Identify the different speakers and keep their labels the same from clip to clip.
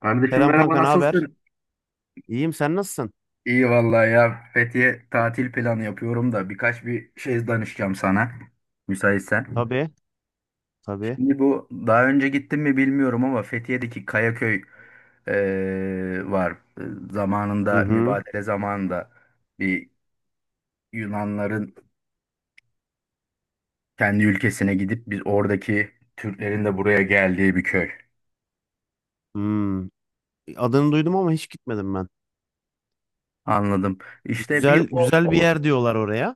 Speaker 1: Kardeşim,
Speaker 2: Selam
Speaker 1: merhaba,
Speaker 2: kanka, ne haber?
Speaker 1: nasılsın?
Speaker 2: İyiyim, sen nasılsın?
Speaker 1: İyi vallahi ya. Fethiye tatil planı yapıyorum da birkaç bir şey danışacağım sana. Müsaitsen.
Speaker 2: Tabii, tabii.
Speaker 1: Şimdi bu daha önce gittim mi bilmiyorum ama Fethiye'deki Kayaköy var.
Speaker 2: Hı
Speaker 1: Zamanında,
Speaker 2: hı.
Speaker 1: mübadele zamanında, bir Yunanların kendi ülkesine gidip biz oradaki Türklerin de buraya geldiği bir köy.
Speaker 2: Hmm. Adını duydum ama hiç gitmedim ben.
Speaker 1: Anladım. İşte bir
Speaker 2: Güzel,
Speaker 1: o,
Speaker 2: güzel bir
Speaker 1: o
Speaker 2: yer diyorlar oraya.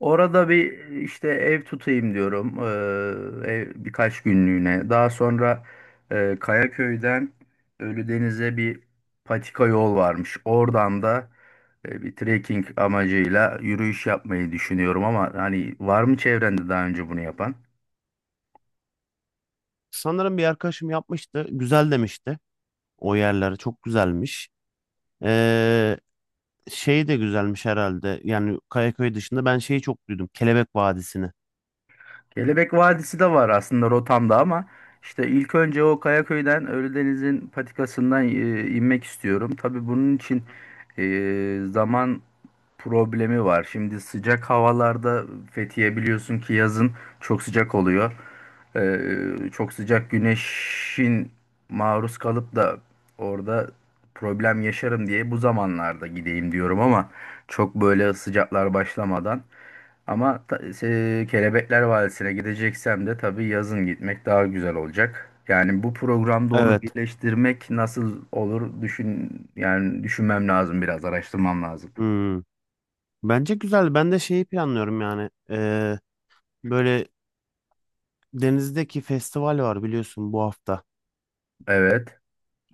Speaker 1: orada bir işte ev tutayım diyorum. Ev birkaç günlüğüne. Daha sonra Kayaköy'den Ölüdeniz'e bir patika yol varmış. Oradan da bir trekking amacıyla yürüyüş yapmayı düşünüyorum ama hani var mı çevrende daha önce bunu yapan?
Speaker 2: Sanırım bir arkadaşım yapmıştı. Güzel demişti. O yerler çok güzelmiş. Ee, şey de güzelmiş herhalde. Yani Kayaköy dışında ben şeyi çok duydum. Kelebek Vadisi'ni.
Speaker 1: Kelebek Vadisi de var aslında rotamda, ama işte ilk önce o Kayaköy'den Ölüdeniz'in patikasından inmek istiyorum. Tabii bunun için e, zaman problemi var. Şimdi sıcak havalarda Fethiye, biliyorsun ki, yazın çok sıcak oluyor. E, Çok sıcak güneşin maruz kalıp da orada problem yaşarım diye bu zamanlarda gideyim diyorum, ama çok böyle sıcaklar başlamadan. Ama Kelebekler Vadisi'ne gideceksem de tabii yazın gitmek daha güzel olacak. Yani bu programda onu
Speaker 2: Evet.
Speaker 1: birleştirmek nasıl olur, yani düşünmem lazım, biraz araştırmam lazım.
Speaker 2: Hmm. Bence güzel. Ben de şeyi planlıyorum yani. Böyle denizdeki festival var biliyorsun bu hafta.
Speaker 1: Evet.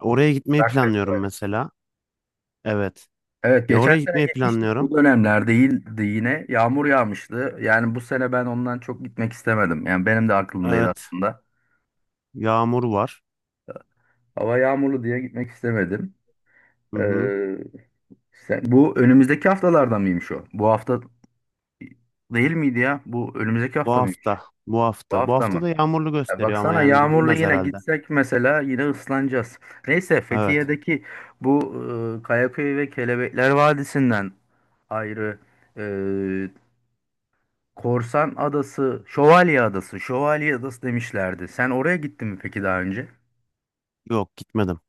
Speaker 2: Oraya gitmeyi
Speaker 1: Rock
Speaker 2: planlıyorum
Speaker 1: Festivali.
Speaker 2: mesela. Evet.
Speaker 1: Evet,
Speaker 2: Ya
Speaker 1: geçen
Speaker 2: oraya
Speaker 1: sene
Speaker 2: gitmeyi
Speaker 1: gitmiştik, bu
Speaker 2: planlıyorum.
Speaker 1: dönemler değildi, yine yağmur yağmıştı. Yani bu sene ben ondan çok gitmek istemedim. Yani benim de aklımdaydı
Speaker 2: Evet,
Speaker 1: aslında.
Speaker 2: yağmur var.
Speaker 1: Hava yağmurlu diye gitmek istemedim.
Speaker 2: Hı
Speaker 1: Ee,
Speaker 2: hı.
Speaker 1: bu önümüzdeki haftalarda mıymış o? Bu hafta değil miydi ya? Bu önümüzdeki
Speaker 2: Bu
Speaker 1: hafta mıymış?
Speaker 2: hafta, bu
Speaker 1: Bu
Speaker 2: hafta. Bu
Speaker 1: hafta
Speaker 2: hafta
Speaker 1: mı?
Speaker 2: da yağmurlu
Speaker 1: Ya
Speaker 2: gösteriyor ama
Speaker 1: baksana,
Speaker 2: yani
Speaker 1: yağmurlu
Speaker 2: gidilmez
Speaker 1: yine
Speaker 2: herhalde.
Speaker 1: gitsek mesela yine ıslanacağız. Neyse,
Speaker 2: Evet,
Speaker 1: Fethiye'deki bu Kayaköy ve Kelebekler Vadisi'nden ayrı e, Korsan Adası, Şövalye Adası, Şövalye Adası demişlerdi. Sen oraya gittin mi peki daha önce?
Speaker 2: yok gitmedim.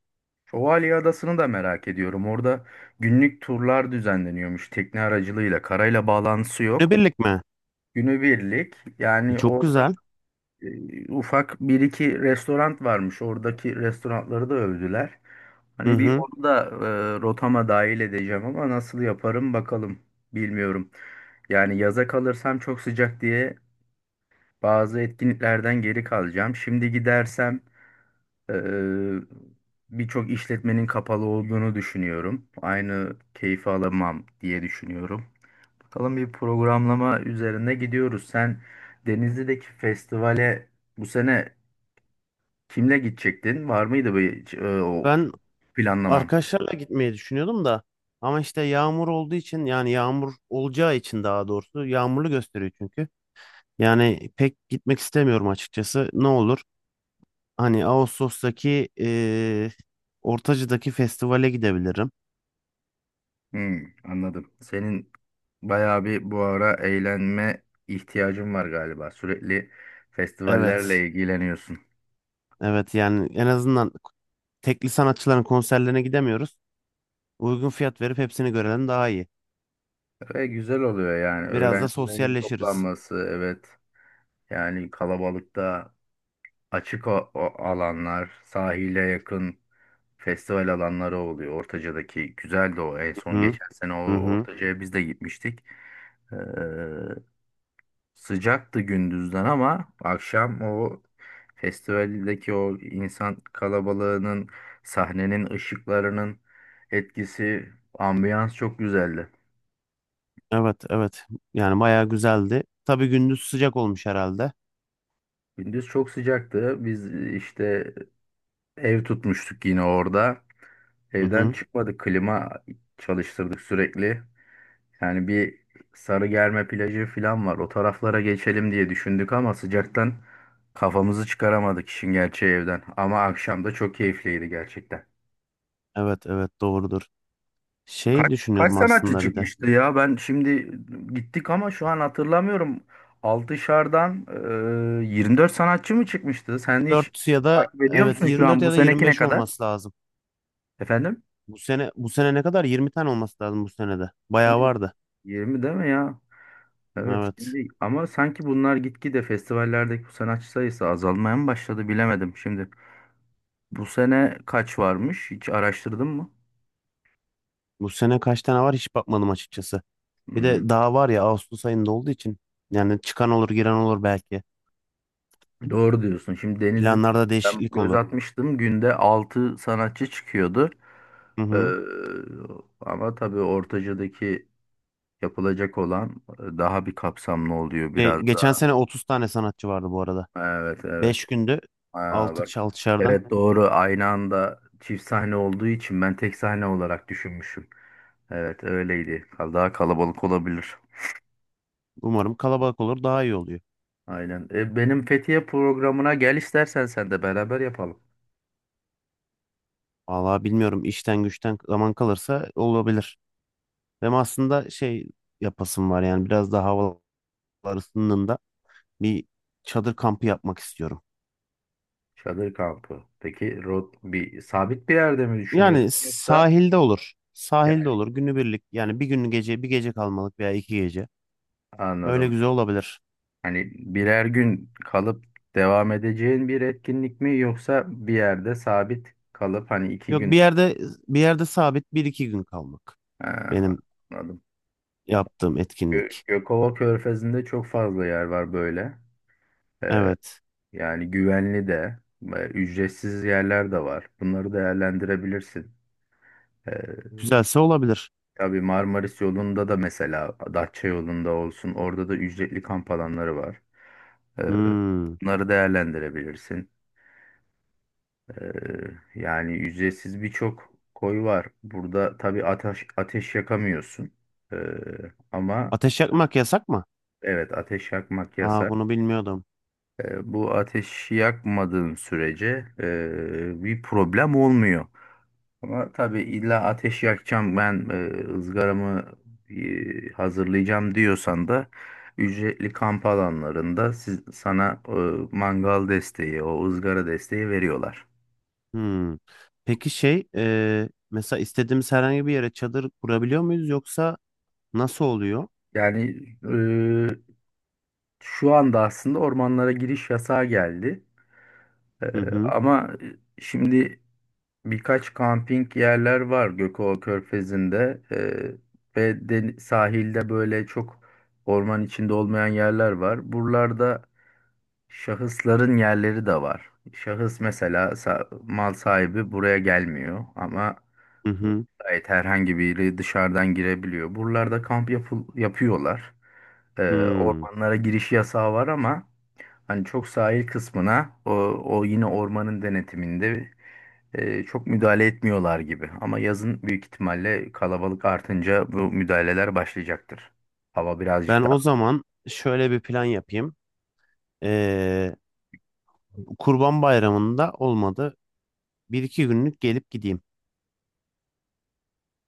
Speaker 1: Şövalye Adası'nı da merak ediyorum. Orada günlük turlar düzenleniyormuş tekne aracılığıyla. Karayla bağlantısı yok.
Speaker 2: Günübirlik mi?
Speaker 1: Günübirlik
Speaker 2: E,
Speaker 1: yani.
Speaker 2: çok
Speaker 1: O
Speaker 2: güzel.
Speaker 1: ufak bir iki restoran varmış. Oradaki restoranları da övdüler.
Speaker 2: Hı
Speaker 1: Hani bir
Speaker 2: hı.
Speaker 1: onu da rotama dahil edeceğim ama nasıl yaparım bakalım. Bilmiyorum. Yani yaza kalırsam çok sıcak diye bazı etkinliklerden geri kalacağım. Şimdi gidersem e, birçok işletmenin kapalı olduğunu düşünüyorum. Aynı keyfi alamam diye düşünüyorum. Bakalım, bir programlama üzerine gidiyoruz. Sen Denizli'deki festivale bu sene kimle gidecektin? Var mıydı bir o
Speaker 2: Ben
Speaker 1: planlaman?
Speaker 2: arkadaşlarla gitmeyi düşünüyordum da ama işte yağmur olduğu için yani yağmur olacağı için daha doğrusu yağmurlu gösteriyor çünkü. Yani pek gitmek istemiyorum açıkçası. Ne olur? Hani Ağustos'taki Ortacı'daki festivale gidebilirim.
Speaker 1: Hmm, anladım. Senin bayağı bir bu ara eğlenme ihtiyacın var galiba. Sürekli
Speaker 2: Evet.
Speaker 1: festivallerle ilgileniyorsun.
Speaker 2: Evet yani en azından tekli sanatçıların konserlerine gidemiyoruz. Uygun fiyat verip hepsini görelim daha iyi.
Speaker 1: Ve güzel oluyor yani.
Speaker 2: Biraz da
Speaker 1: Öğrencilerin
Speaker 2: sosyalleşiriz.
Speaker 1: toplanması, evet. Yani kalabalıkta açık o alanlar, sahile yakın festival alanları oluyor. Ortaca'daki güzeldi o. En son
Speaker 2: Hı
Speaker 1: geçen sene o
Speaker 2: hı. Hı.
Speaker 1: Ortaca'ya biz de gitmiştik. Ee, Sıcaktı gündüzden, ama akşam o festivaldeki o insan kalabalığının, sahnenin ışıklarının etkisi, ambiyans çok güzeldi.
Speaker 2: Evet, evet. Yani bayağı güzeldi. Tabii gündüz sıcak olmuş herhalde.
Speaker 1: Gündüz çok sıcaktı. Biz işte ev tutmuştuk yine orada.
Speaker 2: Hı
Speaker 1: Evden
Speaker 2: hı.
Speaker 1: çıkmadık. Klima çalıştırdık sürekli. Yani bir Sarıgerme plajı falan var. O taraflara geçelim diye düşündük ama sıcaktan kafamızı çıkaramadık işin gerçeği evden. Ama akşam da çok keyifliydi gerçekten.
Speaker 2: Evet, evet, doğrudur. Şey
Speaker 1: Kaç
Speaker 2: düşünüyorum
Speaker 1: sanatçı
Speaker 2: aslında bir de.
Speaker 1: çıkmıştı ya? Ben şimdi gittik ama şu an hatırlamıyorum. Altışar'dan 24 sanatçı mı çıkmıştı? Sen hiç
Speaker 2: 4 ya da
Speaker 1: takip ediyor
Speaker 2: evet
Speaker 1: musun şu
Speaker 2: 24
Speaker 1: an? Bu
Speaker 2: ya da
Speaker 1: seneki ne
Speaker 2: 25
Speaker 1: kadar?
Speaker 2: olması lazım.
Speaker 1: Efendim?
Speaker 2: Bu sene ne kadar? 20 tane olması lazım bu senede.
Speaker 1: Sene
Speaker 2: Bayağı vardı.
Speaker 1: 20 değil mi ya? Evet
Speaker 2: Evet.
Speaker 1: şimdi, ama sanki bunlar gitgide festivallerdeki bu sanatçı sayısı azalmaya mı başladı, bilemedim şimdi. Bu sene kaç varmış? Hiç araştırdın mı?
Speaker 2: Bu sene kaç tane var hiç bakmadım açıkçası. Bir
Speaker 1: Hmm,
Speaker 2: de daha var ya Ağustos ayında olduğu için yani çıkan olur giren olur belki.
Speaker 1: doğru diyorsun. Şimdi Denizli'de
Speaker 2: Planlarda
Speaker 1: ben
Speaker 2: değişiklik
Speaker 1: göz
Speaker 2: olur.
Speaker 1: atmıştım. Günde 6 sanatçı çıkıyordu.
Speaker 2: Hı
Speaker 1: Ee,
Speaker 2: hı.
Speaker 1: ama tabii ortacadaki yapılacak olan daha bir kapsamlı oluyor
Speaker 2: Şey,
Speaker 1: biraz
Speaker 2: geçen
Speaker 1: daha.
Speaker 2: sene 30 tane sanatçı vardı bu arada.
Speaker 1: Evet, evet.
Speaker 2: 5 günde
Speaker 1: Aa,
Speaker 2: 6
Speaker 1: bak.
Speaker 2: şardan.
Speaker 1: Evet doğru, aynı anda çift sahne olduğu için ben tek sahne olarak düşünmüşüm. Evet öyleydi. Daha kalabalık olabilir.
Speaker 2: Umarım kalabalık olur, daha iyi oluyor.
Speaker 1: Aynen. Benim Fethiye programına gel istersen, sen de beraber yapalım.
Speaker 2: Vallahi bilmiyorum, işten güçten zaman kalırsa olabilir. Benim aslında şey yapasım var yani, biraz daha havalar ısındığında bir çadır kampı yapmak istiyorum.
Speaker 1: Çadır kampı. Peki bir sabit bir yerde mi
Speaker 2: Yani
Speaker 1: düşünüyorsun yoksa?
Speaker 2: sahilde olur.
Speaker 1: Yani
Speaker 2: Sahilde olur günübirlik yani, bir gün gece, bir gece kalmalık veya 2 gece. Öyle
Speaker 1: anladım.
Speaker 2: güzel olabilir.
Speaker 1: Hani birer gün kalıp devam edeceğin bir etkinlik mi, yoksa bir yerde sabit kalıp hani iki
Speaker 2: Yok,
Speaker 1: gün.
Speaker 2: bir yerde sabit bir iki gün kalmak.
Speaker 1: Ha,
Speaker 2: Benim
Speaker 1: anladım.
Speaker 2: yaptığım etkinlik.
Speaker 1: Gökova Körfezi'nde çok fazla yer var böyle. Ee,
Speaker 2: Evet.
Speaker 1: yani güvenli de, ücretsiz yerler de var. Bunları değerlendirebilirsin. Ee,
Speaker 2: Güzelse olabilir.
Speaker 1: tabii Marmaris yolunda da, mesela Datça yolunda olsun, orada da ücretli kamp alanları var. Ee,
Speaker 2: Hmm.
Speaker 1: bunları değerlendirebilirsin. Ee, yani ücretsiz birçok koy var. Burada tabii ateş yakamıyorsun. Ee, ama
Speaker 2: Ateş yakmak yasak mı?
Speaker 1: evet, ateş yakmak
Speaker 2: Aa,
Speaker 1: yasak.
Speaker 2: bunu bilmiyordum.
Speaker 1: Bu ateş yakmadığın sürece bir problem olmuyor. Ama tabii illa ateş yakacağım ben, ızgaramı hazırlayacağım diyorsan da ücretli kamp alanlarında sana mangal desteği, o ızgara desteği veriyorlar.
Speaker 2: Hmm. Peki şey, mesela istediğimiz herhangi bir yere çadır kurabiliyor muyuz, yoksa nasıl oluyor?
Speaker 1: Yani e, şu anda aslında ormanlara giriş yasağı geldi. Ee,
Speaker 2: Hı hı.
Speaker 1: ama şimdi birkaç kamping yerler var Gökova Körfezi'nde, ve sahilde böyle çok orman içinde olmayan yerler var. Buralarda şahısların yerleri de var. Şahıs mesela, mal sahibi buraya gelmiyor ama
Speaker 2: Hı hı.
Speaker 1: gayet herhangi biri dışarıdan girebiliyor. Buralarda yapıyorlar. Ee,
Speaker 2: Hmm.
Speaker 1: ormanlara giriş yasağı var ama hani çok sahil kısmına, o yine ormanın denetiminde çok müdahale etmiyorlar gibi. Ama yazın büyük ihtimalle kalabalık artınca bu müdahaleler başlayacaktır. Hava
Speaker 2: Ben
Speaker 1: birazcık daha
Speaker 2: o zaman şöyle bir plan yapayım. E, Kurban Bayramı'nda olmadı. Bir iki günlük gelip gideyim.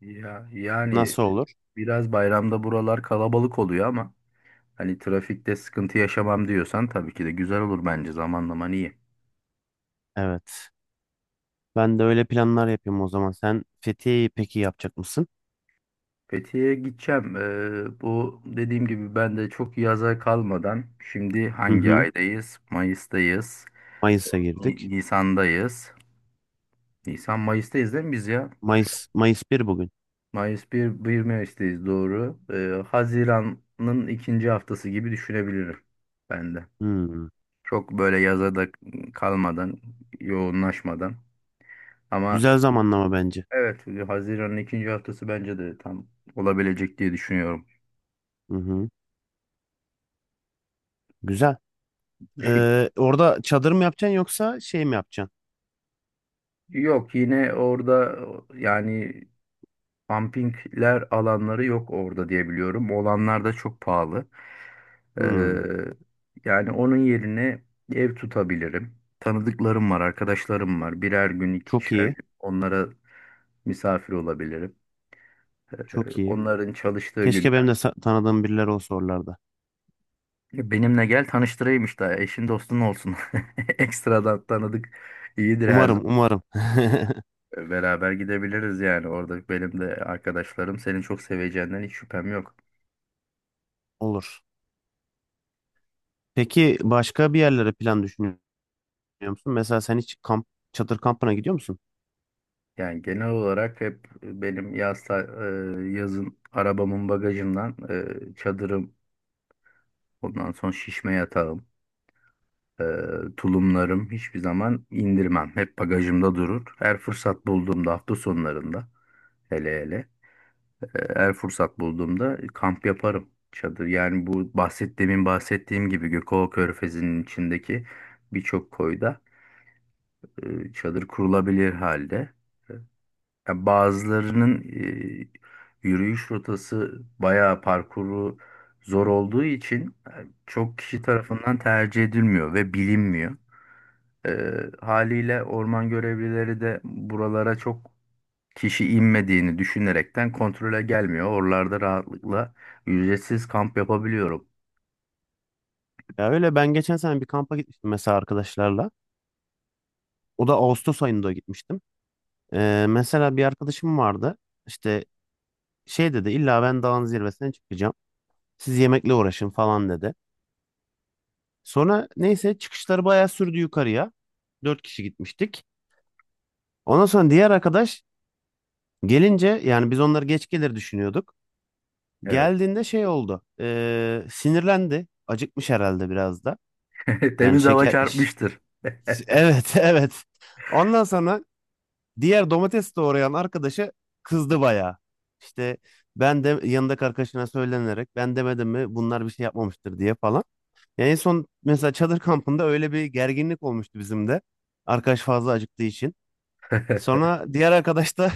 Speaker 1: ya, yani,
Speaker 2: Nasıl olur?
Speaker 1: biraz bayramda buralar kalabalık oluyor ama hani trafikte sıkıntı yaşamam diyorsan tabii ki de güzel olur, bence zamanlaman iyi.
Speaker 2: Evet. Ben de öyle planlar yapayım o zaman. Sen Fethiye'yi peki yapacak mısın?
Speaker 1: Fethiye'ye gideceğim. Bu, dediğim gibi, ben de çok yaza kalmadan. Şimdi
Speaker 2: Hı
Speaker 1: hangi
Speaker 2: hı.
Speaker 1: aydayız? Mayıs'tayız.
Speaker 2: Mayıs'a girdik.
Speaker 1: Nisan'dayız. Nisan Mayıs'tayız değil mi biz ya? Şu an
Speaker 2: Mayıs bir bugün.
Speaker 1: Mayıs bir, bir Mayıs'tayız, doğru. Haziran'ın ikinci haftası gibi düşünebilirim ben de.
Speaker 2: Hmm.
Speaker 1: Çok böyle yaza da kalmadan, yoğunlaşmadan. Ama
Speaker 2: Güzel zamanlama bence.
Speaker 1: evet, Haziran'ın ikinci haftası bence de tam olabilecek diye düşünüyorum.
Speaker 2: Hı hı. Güzel.
Speaker 1: Bu şekilde.
Speaker 2: Orada çadır mı yapacaksın, yoksa şey mi yapacaksın?
Speaker 1: Yok, yine orada yani pumpingler alanları yok orada diye biliyorum. Olanlar da çok pahalı. Ee,
Speaker 2: Hmm.
Speaker 1: yani onun yerine ev tutabilirim. Tanıdıklarım var, arkadaşlarım var. Birer gün,
Speaker 2: Çok
Speaker 1: ikişer
Speaker 2: iyi.
Speaker 1: gün onlara misafir olabilirim. Ee,
Speaker 2: Çok iyi.
Speaker 1: onların çalıştığı
Speaker 2: Keşke
Speaker 1: günler.
Speaker 2: benim de tanıdığım birileri olsa oralarda.
Speaker 1: Benimle gel, tanıştırayım işte. Eşin dostun olsun. Ekstradan tanıdık iyidir her
Speaker 2: Umarım,
Speaker 1: zaman.
Speaker 2: umarım.
Speaker 1: Beraber gidebiliriz yani. Orada benim de arkadaşlarım, senin çok seveceğinden hiç şüphem yok.
Speaker 2: Olur. Peki başka bir yerlere plan düşünüyor musun? Mesela sen hiç kamp, çadır kampına gidiyor musun?
Speaker 1: Yani genel olarak hep benim yaz yazın arabamın bagajından çadırım. Ondan sonra şişme yatarım. Ee, tulumlarım hiçbir zaman indirmem. Hep bagajımda durur. Her fırsat bulduğumda, hafta sonlarında, hele hele, her fırsat bulduğumda kamp yaparım. Çadır yani, bu bahsettiğim gibi, Gökova Körfezi'nin içindeki birçok koyda çadır kurulabilir halde. Ya bazılarının yürüyüş rotası bayağı, parkuru zor olduğu için, çok
Speaker 2: Hı
Speaker 1: kişi
Speaker 2: hı.
Speaker 1: tarafından tercih edilmiyor ve bilinmiyor. E, haliyle orman görevlileri de buralara çok kişi inmediğini düşünerekten kontrole gelmiyor. Oralarda rahatlıkla ücretsiz kamp yapabiliyorum.
Speaker 2: Ya öyle, ben geçen sene bir kampa gitmiştim mesela arkadaşlarla. O da Ağustos ayında gitmiştim. Mesela bir arkadaşım vardı. İşte şey dedi, illa ben dağın zirvesine çıkacağım. Siz yemekle uğraşın falan dedi. Sonra neyse çıkışları bayağı sürdü yukarıya. 4 kişi gitmiştik. Ondan sonra diğer arkadaş gelince, yani biz onları geç gelir düşünüyorduk.
Speaker 1: Evet.
Speaker 2: Geldiğinde şey oldu, sinirlendi. Acıkmış herhalde biraz da. Yani
Speaker 1: Temiz hava
Speaker 2: şeker... ş-
Speaker 1: çarpmıştır.
Speaker 2: Evet, evet. Ondan sonra diğer domates doğrayan arkadaşı kızdı bayağı. İşte ben de yanındaki arkadaşına söylenerek, ben demedim mi bunlar bir şey yapmamıştır diye falan. Yani en son mesela çadır kampında öyle bir gerginlik olmuştu bizim de. Arkadaş fazla acıktığı için. Sonra diğer arkadaş da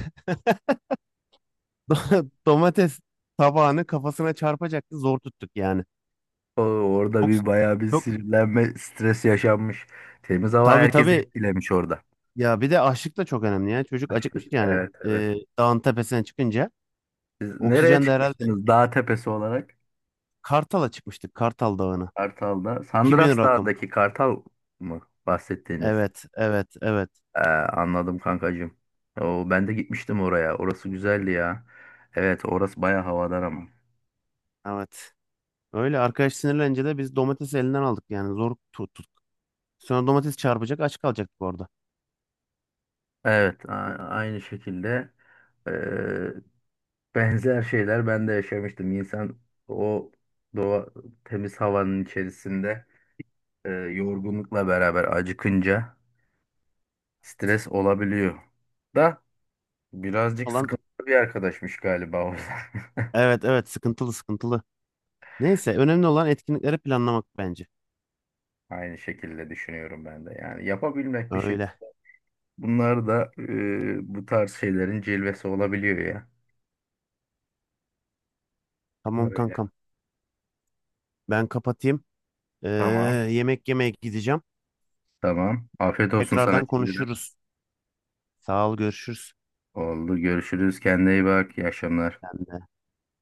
Speaker 2: domates tabağını kafasına çarpacaktı. Zor tuttuk yani.
Speaker 1: Orada
Speaker 2: Çok,
Speaker 1: bir bayağı bir
Speaker 2: çok,
Speaker 1: sinirlenme, stres yaşanmış. Temiz hava
Speaker 2: tabii
Speaker 1: herkesi
Speaker 2: tabii,
Speaker 1: etkilemiş orada.
Speaker 2: ya bir de açlık da çok önemli yani. Çocuk acıkmış
Speaker 1: Taşlık.
Speaker 2: yani,
Speaker 1: Evet, evet.
Speaker 2: dağın tepesine çıkınca.
Speaker 1: Siz nereye
Speaker 2: Oksijen de herhalde.
Speaker 1: çıkmıştınız dağ tepesi olarak?
Speaker 2: Kartal'a çıkmıştık. Kartal Dağı'na.
Speaker 1: Kartal'da.
Speaker 2: 2000
Speaker 1: Sandras
Speaker 2: rakım.
Speaker 1: Dağı'ndaki Kartal mı bahsettiğiniz?
Speaker 2: Evet, evet, evet,
Speaker 1: Anladım kankacığım. O, ben de gitmiştim oraya. Orası güzeldi ya. Evet, orası baya havadar ama.
Speaker 2: evet. Öyle arkadaş sinirlenince de biz domatesi elinden aldık, yani zor tuttuk. Sonra domates çarpacak, aç kalacaktık orada.
Speaker 1: Evet, aynı şekilde, e, benzer şeyler ben de yaşamıştım. İnsan o doğa, temiz havanın içerisinde, yorgunlukla beraber acıkınca, stres olabiliyor. Da Birazcık
Speaker 2: Olan
Speaker 1: sıkıntılı bir arkadaşmış galiba o da.
Speaker 2: evet, evet, sıkıntılı sıkıntılı. Neyse, önemli olan etkinlikleri planlamak bence.
Speaker 1: Aynı şekilde düşünüyorum ben de. Yani yapabilmek bir şey.
Speaker 2: Öyle.
Speaker 1: Bunlar da bu tarz şeylerin cilvesi olabiliyor ya.
Speaker 2: Tamam
Speaker 1: Öyle.
Speaker 2: kankam. Ben kapatayım. Ee,
Speaker 1: Tamam.
Speaker 2: yemek yemeye gideceğim.
Speaker 1: Tamam. Afiyet olsun sana
Speaker 2: Tekrardan
Speaker 1: şimdiden.
Speaker 2: konuşuruz. Sağ ol, görüşürüz.
Speaker 1: Oldu. Görüşürüz. Kendine iyi bak. İyi akşamlar.
Speaker 2: Sen de.